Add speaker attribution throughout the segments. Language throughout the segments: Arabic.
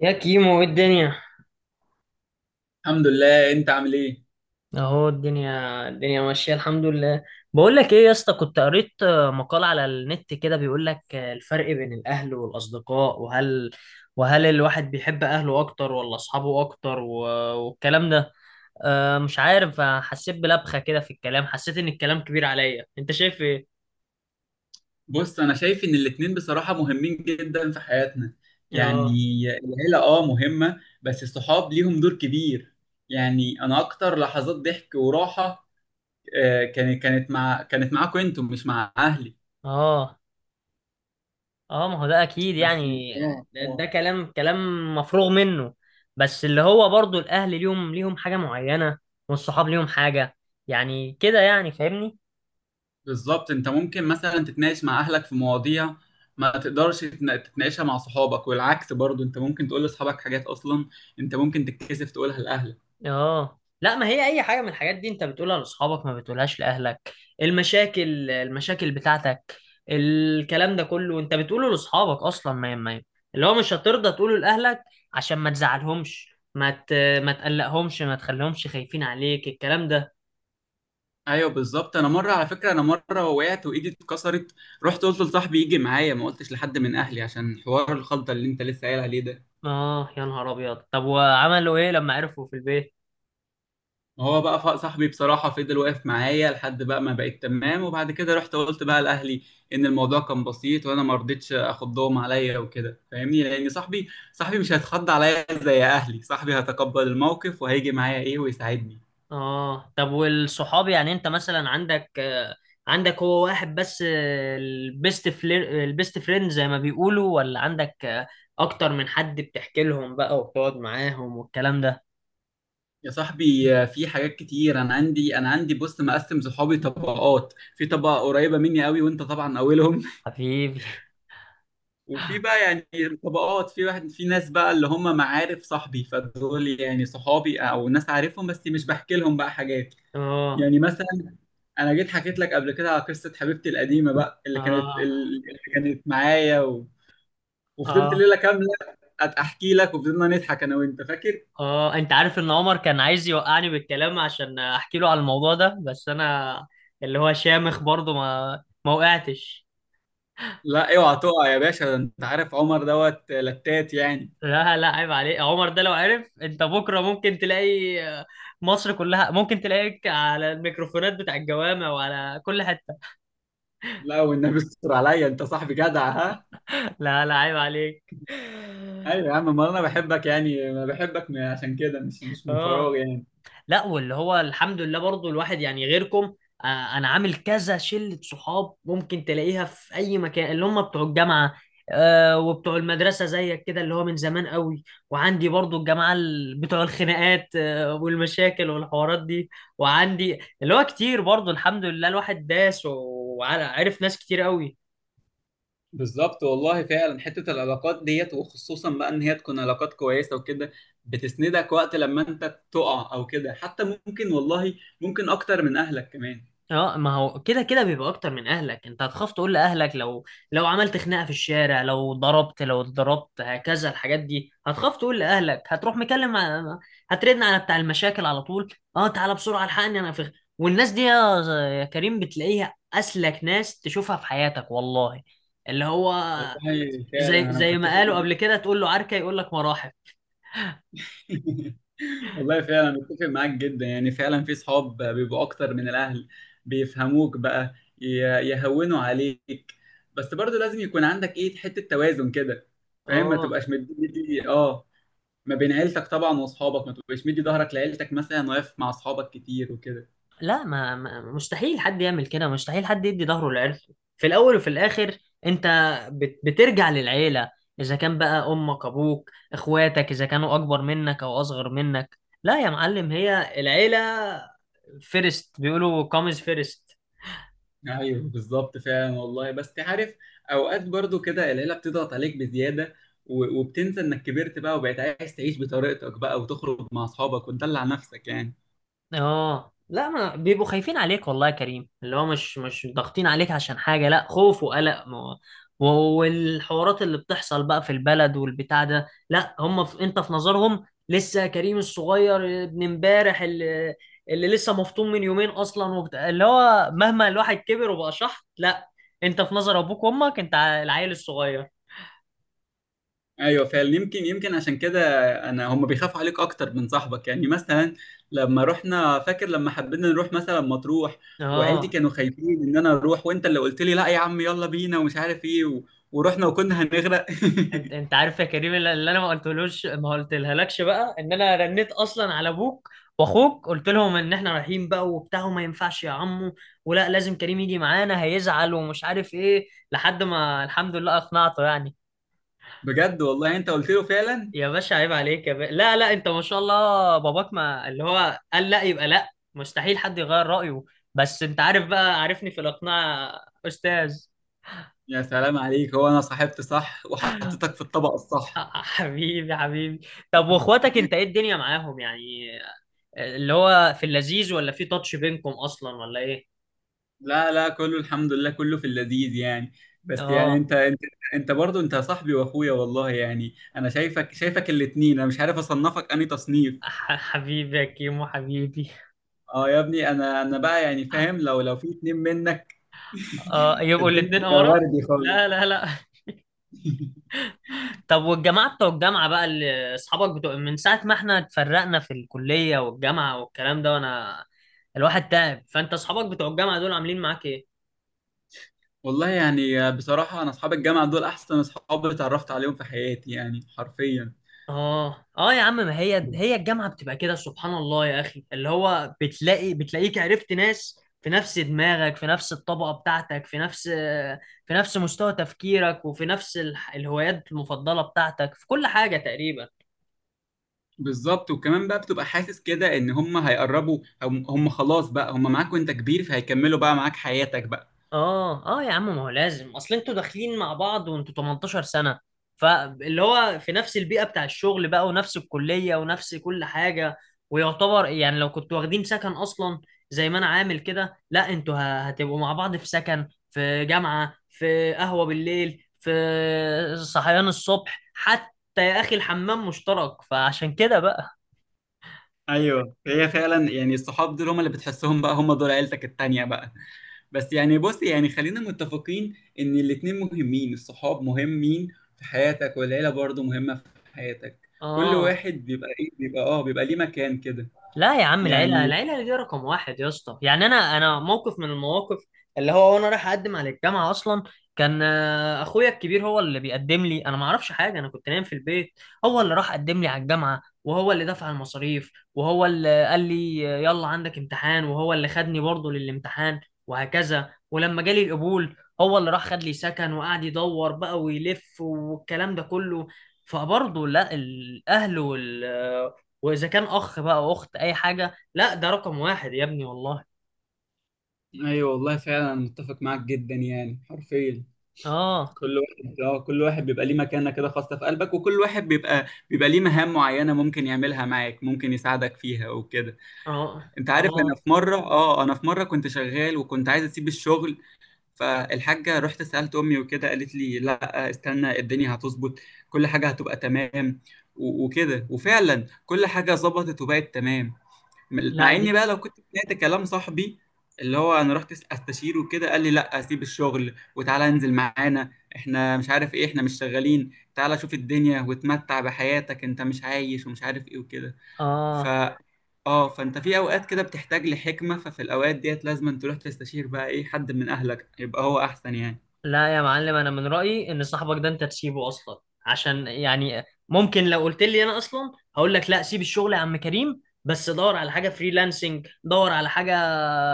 Speaker 1: يا كيمو ايه الدنيا؟
Speaker 2: الحمد لله، انت عامل ايه؟
Speaker 1: اهو الدنيا الدنيا ماشيه الحمد لله. بقول لك ايه يا اسطى، كنت قريت مقال على النت كده بيقول لك الفرق بين الاهل والاصدقاء، وهل الواحد بيحب اهله اكتر ولا اصحابه اكتر، والكلام ده. مش عارف، حسيت بلبخه كده في الكلام، حسيت ان الكلام كبير عليا. انت شايف ايه؟
Speaker 2: بص، انا شايف ان الاتنين بصراحة مهمين جدا في حياتنا يعني.
Speaker 1: اه
Speaker 2: العيلة مهمة بس الصحاب ليهم دور كبير. يعني انا اكتر لحظات ضحك وراحة كانت معاكم انتم، مش مع اهلي.
Speaker 1: اه اه ما هو ده اكيد
Speaker 2: بس،
Speaker 1: يعني.
Speaker 2: اه،
Speaker 1: ده
Speaker 2: اه.
Speaker 1: كلام مفروغ منه. بس اللي هو برضو الاهل ليهم حاجه معينه، والصحاب ليهم حاجه. يعني كده، يعني فاهمني.
Speaker 2: بالظبط، انت ممكن مثلا تتناقش مع اهلك في مواضيع ما تقدرش تتناقشها مع صحابك، والعكس برضو انت ممكن تقول لاصحابك حاجات اصلا انت ممكن تتكسف تقولها لاهلك.
Speaker 1: اه، لا، ما هي اي حاجه من الحاجات دي انت بتقولها لاصحابك، ما بتقولهاش لاهلك. المشاكل بتاعتك، الكلام ده كله انت بتقوله لاصحابك اصلا. ما اللي هو مش هترضى تقوله لاهلك عشان ما تزعلهمش، ما ت... ما تقلقهمش، ما تخليهمش خايفين عليك الكلام ده.
Speaker 2: ايوه بالظبط. انا مره على فكره، انا مره وقعت وايدي اتكسرت، رحت قلت لصاحبي يجي معايا، ما قلتش لحد من اهلي عشان حوار الخلطه اللي انت لسه قايل عليه ده.
Speaker 1: اه يا نهار ابيض، طب وعملوا ايه لما عرفوا في البيت؟
Speaker 2: هو بقى صاحبي بصراحه فضل واقف معايا لحد بقى ما بقيت تمام، وبعد كده رحت قلت بقى لاهلي ان الموضوع كان بسيط وانا ما رضيتش اخضهم عليا وكده، فاهمني؟ لان صاحبي مش هيتخض عليا زي اهلي، صاحبي هيتقبل الموقف وهيجي معايا ايه ويساعدني.
Speaker 1: اه طب والصحاب يعني، انت مثلا عندك عندك هو واحد بس، البيست فلير، البيست فريند زي ما بيقولوا، ولا عندك اكتر من حد بتحكي لهم بقى وبتقعد معاهم والكلام ده؟
Speaker 2: يا صاحبي، في حاجات كتير انا عندي بص، مقسم صحابي طبقات، في طبقه قريبه مني قوي وانت طبعا اولهم
Speaker 1: حبيبي.
Speaker 2: وفي بقى يعني طبقات، في ناس بقى اللي هم معارف صاحبي، فدول يعني صحابي او ناس عارفهم بس مش بحكي لهم بقى حاجات.
Speaker 1: اه
Speaker 2: يعني مثلا انا جيت حكيت لك قبل كده على قصه حبيبتي القديمه بقى، اللي كانت
Speaker 1: اه
Speaker 2: اللي كانت معايا وفضلت
Speaker 1: اه
Speaker 2: ليله كامله احكي لك، وفضلنا نضحك انا وانت، فاكر؟
Speaker 1: اه انت عارف ان عمر كان عايز يوقعني بالكلام عشان احكي له على الموضوع ده، بس انا اللي هو شامخ برضه، ما وقعتش.
Speaker 2: لا اوعى تقع يا باشا، ده انت عارف عمر دوت لتات يعني.
Speaker 1: لا لا، عيب عليك، عمر ده لو عرف، انت بكره ممكن تلاقي مصر كلها ممكن تلاقيك على الميكروفونات بتاع الجوامع وعلى كل حته.
Speaker 2: لا والنبي استر عليا، انت صاحبي جدع، ها.
Speaker 1: لا لا، عيب عليك.
Speaker 2: ايوه يا عم، ما انا بحبك يعني، انا بحبك عشان كده، مش من
Speaker 1: اه،
Speaker 2: فراغ يعني.
Speaker 1: لا، واللي هو الحمد لله برضو الواحد يعني غيركم، آه، انا عامل كذا شلة صحاب، ممكن تلاقيها في اي مكان، اللي هم بتوع الجامعة وبتوع المدرسة زيك كده، اللي هو من زمان قوي. وعندي برضو الجماعة بتوع الخناقات والمشاكل والحوارات دي. وعندي اللي هو كتير برضو، الحمد لله، الواحد داس وعرف ناس كتير قوي.
Speaker 2: بالظبط والله، فعلا حته العلاقات ديت، وخصوصا بقى ان هي تكون علاقات كويسه وكده، بتسندك وقت لما انت تقع او كده، حتى ممكن والله ممكن اكتر من اهلك كمان.
Speaker 1: اه، ما هو كده كده بيبقى اكتر من اهلك. انت هتخاف تقول لاهلك، لو عملت خناقه في الشارع، لو ضربت، لو اتضربت، هكذا الحاجات دي هتخاف تقول لاهلك. هتروح مكلم هترن على بتاع المشاكل على طول، اه تعالى بسرعه الحقني انا في. والناس دي يا يا كريم بتلاقيها اسلك ناس تشوفها في حياتك والله. اللي هو
Speaker 2: والله
Speaker 1: زي
Speaker 2: فعلا انا
Speaker 1: زي ما
Speaker 2: متفق
Speaker 1: قالوا قبل
Speaker 2: معاك
Speaker 1: كده، تقول له عركه يقول لك مراحب.
Speaker 2: والله فعلا متفق معاك جدا، يعني فعلا في صحاب بيبقوا اكتر من الاهل، بيفهموك بقى، يهونوا عليك. بس برضو لازم يكون عندك ايه، حتة توازن كده، فاهم؟ ما
Speaker 1: اه
Speaker 2: تبقاش مدي ما بين عيلتك طبعا واصحابك، ما تبقاش مدي ظهرك لعيلتك مثلا واقف مع اصحابك كتير وكده.
Speaker 1: لا، مستحيل حد يعمل كده، مستحيل حد يدي ظهره لعيلته. في الاول وفي الاخر انت بترجع للعيله، اذا كان بقى امك، ابوك، اخواتك، اذا كانوا اكبر منك او اصغر منك. لا يا معلم، هي العيله فيرست، بيقولوا كومز فيرست.
Speaker 2: ايوه بالظبط فعلا والله، بس تعرف اوقات برضو كده العيلة بتضغط عليك بزيادة، وبتنسى انك كبرت بقى وبقيت عايز تعيش بطريقتك بقى وتخرج مع اصحابك وتدلع نفسك يعني.
Speaker 1: اه لا، ما بيبقوا خايفين عليك والله يا كريم. اللي هو مش ضاغطين عليك عشان حاجة، لا، خوف وقلق، ما و- والحوارات اللي بتحصل بقى في البلد والبتاع ده. لا، هم في، انت في نظرهم لسه كريم الصغير، ابن امبارح، اللي لسه مفطوم من يومين اصلا وبتاع. اللي هو مهما الواحد كبر وبقى شحط، لا، انت في نظر ابوك وامك انت العيل الصغير.
Speaker 2: ايوه فعلا، يمكن عشان كده انا، هم بيخافوا عليك اكتر من صاحبك. يعني مثلا لما رحنا، فاكر لما حبينا نروح مثلا مطروح؟ وعيلتي
Speaker 1: اه،
Speaker 2: كانوا خايفين ان انا اروح، وانت اللي قلت لي لا يا عم يلا بينا ومش عارف ايه ورحنا وكنا هنغرق
Speaker 1: انت عارف يا كريم، اللي انا ما قلتلوش، ما قلتلهالكش بقى، ان انا رنيت اصلا على ابوك واخوك، قلت لهم ان احنا رايحين بقى وبتاع، وما ينفعش يا عمو، ولا لازم كريم يجي معانا، هيزعل ومش عارف ايه، لحد ما الحمد لله اقنعته يعني.
Speaker 2: بجد والله يعني انت قلت له فعلا.
Speaker 1: يا باشا عيب عليك، يا باشا، لا لا، انت ما شاء الله باباك ما اللي هو قال لا يبقى لا، مستحيل حد يغير رأيه. بس انت عارف بقى، عارفني في الاقناع، استاذ.
Speaker 2: يا سلام عليك، هو انا صاحبت صح وحطيتك في الطبق الصح.
Speaker 1: حبيبي حبيبي. طب واخواتك انت، ايه الدنيا معاهم يعني؟ اللي هو في اللذيذ، ولا في تاتش بينكم اصلا، ولا ايه؟
Speaker 2: لا لا، كله الحمد لله، كله في اللذيذ يعني. بس يعني
Speaker 1: اه،
Speaker 2: انت برضه انت صاحبي واخويا والله يعني، انا شايفك الاتنين، انا مش عارف اصنفك انهي تصنيف.
Speaker 1: حبيبي يا كيمو، حبيبي.
Speaker 2: اه يا ابني، انا بقى يعني فاهم، لو في اتنين منك
Speaker 1: اه، يبقوا
Speaker 2: الدنيا
Speaker 1: الاتنين
Speaker 2: تبقى
Speaker 1: امارات.
Speaker 2: وردي خالص.
Speaker 1: لا لا لا. طب والجماعه بتوع الجامعه بقى، اللي اصحابك بتوع من ساعه ما احنا اتفرقنا في الكليه والجامعه والكلام ده، وانا الواحد تعب، فانت اصحابك بتوع الجامعه دول عاملين معاك ايه؟
Speaker 2: والله يعني بصراحة، انا اصحاب الجامعة دول احسن اصحاب اتعرفت عليهم في حياتي يعني، حرفيا.
Speaker 1: اه اه يا عم، ما هي هي الجامعه بتبقى كده سبحان الله يا اخي. اللي هو بتلاقيك عرفت ناس في نفس دماغك، في نفس الطبقه بتاعتك، في نفس مستوى تفكيرك، وفي نفس الهوايات المفضله بتاعتك في كل حاجه تقريبا.
Speaker 2: بالظبط، وكمان بقى بتبقى حاسس كده ان هم هيقربوا، هم خلاص بقى هم معاك وانت كبير، فهيكملوا بقى معاك حياتك بقى.
Speaker 1: اه اه يا عم، ما هو لازم، اصل انتوا داخلين مع بعض وانتوا 18 سنة، فاللي هو في نفس البيئة بتاع الشغل بقى، ونفس الكلية، ونفس كل حاجة. ويعتبر يعني لو كنتوا واخدين سكن اصلا زي ما انا عامل كده، لا انتوا هتبقوا مع بعض في سكن، في جامعة، في قهوة بالليل، في صحيان الصبح حتى يا اخي، الحمام مشترك، فعشان كده بقى.
Speaker 2: ايوه هي فعلا يعني، الصحاب دول هم اللي بتحسهم بقى هم دول عيلتك التانية بقى. بس يعني بص، يعني خلينا متفقين ان الاتنين مهمين، الصحاب مهمين في حياتك، والعيلة برضو مهمة في حياتك. كل
Speaker 1: اه
Speaker 2: واحد بيبقى ايه بيبقى اه بيبقى ليه مكان كده
Speaker 1: لا يا عم، العيلة،
Speaker 2: يعني.
Speaker 1: العيلة دي رقم واحد يا اسطى يعني. أنا موقف من المواقف، اللي هو وأنا رايح أقدم على الجامعة أصلا، كان أخويا الكبير هو اللي بيقدم لي، أنا ما أعرفش حاجة، أنا كنت نايم في البيت. هو اللي راح قدم لي على الجامعة، وهو اللي دفع المصاريف، وهو اللي قال لي يلا عندك امتحان، وهو اللي خدني برضه للامتحان، وهكذا. ولما جالي القبول، هو اللي راح خد لي سكن وقعد يدور بقى ويلف والكلام ده كله. فبرضه لا، الأهل وال، واذا كان اخ بقى أو اخت اي حاجه، لا، ده رقم واحد يا ابني والله.
Speaker 2: ايوه والله فعلا، انا متفق معاك جدا يعني حرفيا.
Speaker 1: اه
Speaker 2: كل واحد بيبقى ليه مكانه كده، خاصة في قلبك، وكل واحد بيبقى ليه مهام معينة، ممكن يعملها معاك، ممكن يساعدك فيها وكده.
Speaker 1: اه
Speaker 2: انت عارف،
Speaker 1: اه
Speaker 2: انا في مرة كنت شغال وكنت عايز اسيب الشغل، فالحاجة رحت سألت أمي وكده، قالت لي لا استنى، الدنيا هتظبط، كل حاجة هتبقى تمام وكده، وفعلا كل حاجة ظبطت وبقت تمام.
Speaker 1: لا
Speaker 2: مع إني
Speaker 1: دي.
Speaker 2: بقى لو كنت سمعت كلام صاحبي، اللي هو أنا رحت أستشيره وكده، قال لي لا سيب الشغل وتعالى انزل معانا، إحنا مش عارف إيه، إحنا مش شغالين، تعالى شوف الدنيا وتمتع بحياتك، أنت مش عايش ومش عارف إيه وكده. ف
Speaker 1: اه
Speaker 2: اه فانت في اوقات كده بتحتاج لحكمة، ففي الاوقات ديت لازم أن تروح تستشير بقى ايه، حد من اهلك يبقى هو احسن يعني.
Speaker 1: لا يا معلم، انا من رايي ان صاحبك ده انت تسيبه اصلا. عشان يعني ممكن لو قلت لي انا اصلا، هقول لك لا سيب الشغل يا عم كريم، بس دور على حاجه فريلانسنج، دور على حاجه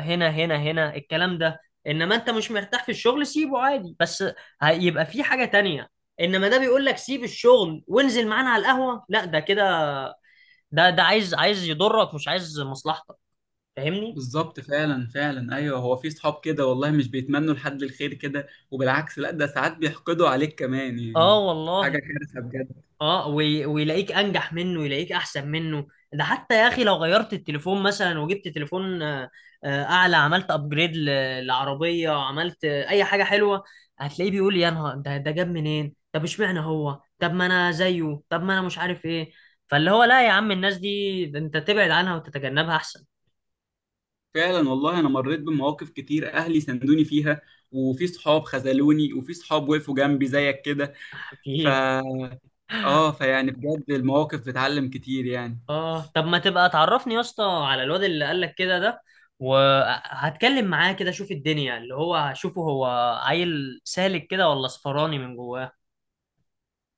Speaker 1: هنا الكلام ده. انما انت مش مرتاح في الشغل، سيبه عادي، بس هيبقى في حاجه تانية. انما ده بيقول لك سيب الشغل وانزل معانا على القهوه، لا ده كده، ده ده عايز يضرك، مش عايز مصلحتك. فاهمني.
Speaker 2: بالظبط، فعلا ايوه، هو في صحاب كده والله مش بيتمنوا لحد الخير كده، وبالعكس لا، ده ساعات بيحقدوا عليك كمان
Speaker 1: اه
Speaker 2: يعني، حاجة
Speaker 1: والله.
Speaker 2: كارثة بجد.
Speaker 1: اه ويلاقيك انجح منه، يلاقيك احسن منه. ده حتى يا اخي لو غيرت التليفون مثلا، وجبت تليفون اعلى، عملت ابجريد للعربيه، عملت اي حاجه حلوه، هتلاقيه بيقول يا نهار، ده ده جاب منين، طب اشمعنى هو، طب ما انا زيه، طب ما انا مش عارف ايه. فاللي هو لا يا عم، الناس دي، ده انت تبعد عنها وتتجنبها احسن.
Speaker 2: فعلا والله، انا مريت بمواقف كتير اهلي سندوني فيها، وفي صحاب خذلوني، وفي صحاب وقفوا جنبي زيك كده. ف اه فيعني بجد المواقف بتعلم كتير يعني.
Speaker 1: اه طب ما تبقى تعرفني يا اسطى على الواد اللي قالك كده ده، وهتكلم معاه كده اشوف الدنيا، اللي هو هشوفه هو عيل سالك كده ولا صفراني من جواه.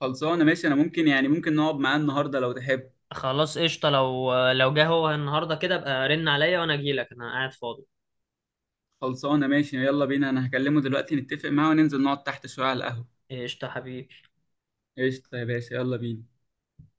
Speaker 2: خلصانة ماشي، انا ممكن يعني ممكن نقعد معاه النهاردة لو تحب.
Speaker 1: خلاص قشطة، لو جه هو النهارده كده ابقى رن عليا وانا اجيلك، انا قاعد فاضي.
Speaker 2: خلصانة ماشي، يلا بينا، أنا هكلمه دلوقتي نتفق معاه وننزل نقعد تحت شوية على القهوة.
Speaker 1: قشطة حبيبي.
Speaker 2: قشطة يا باشا، يلا بينا.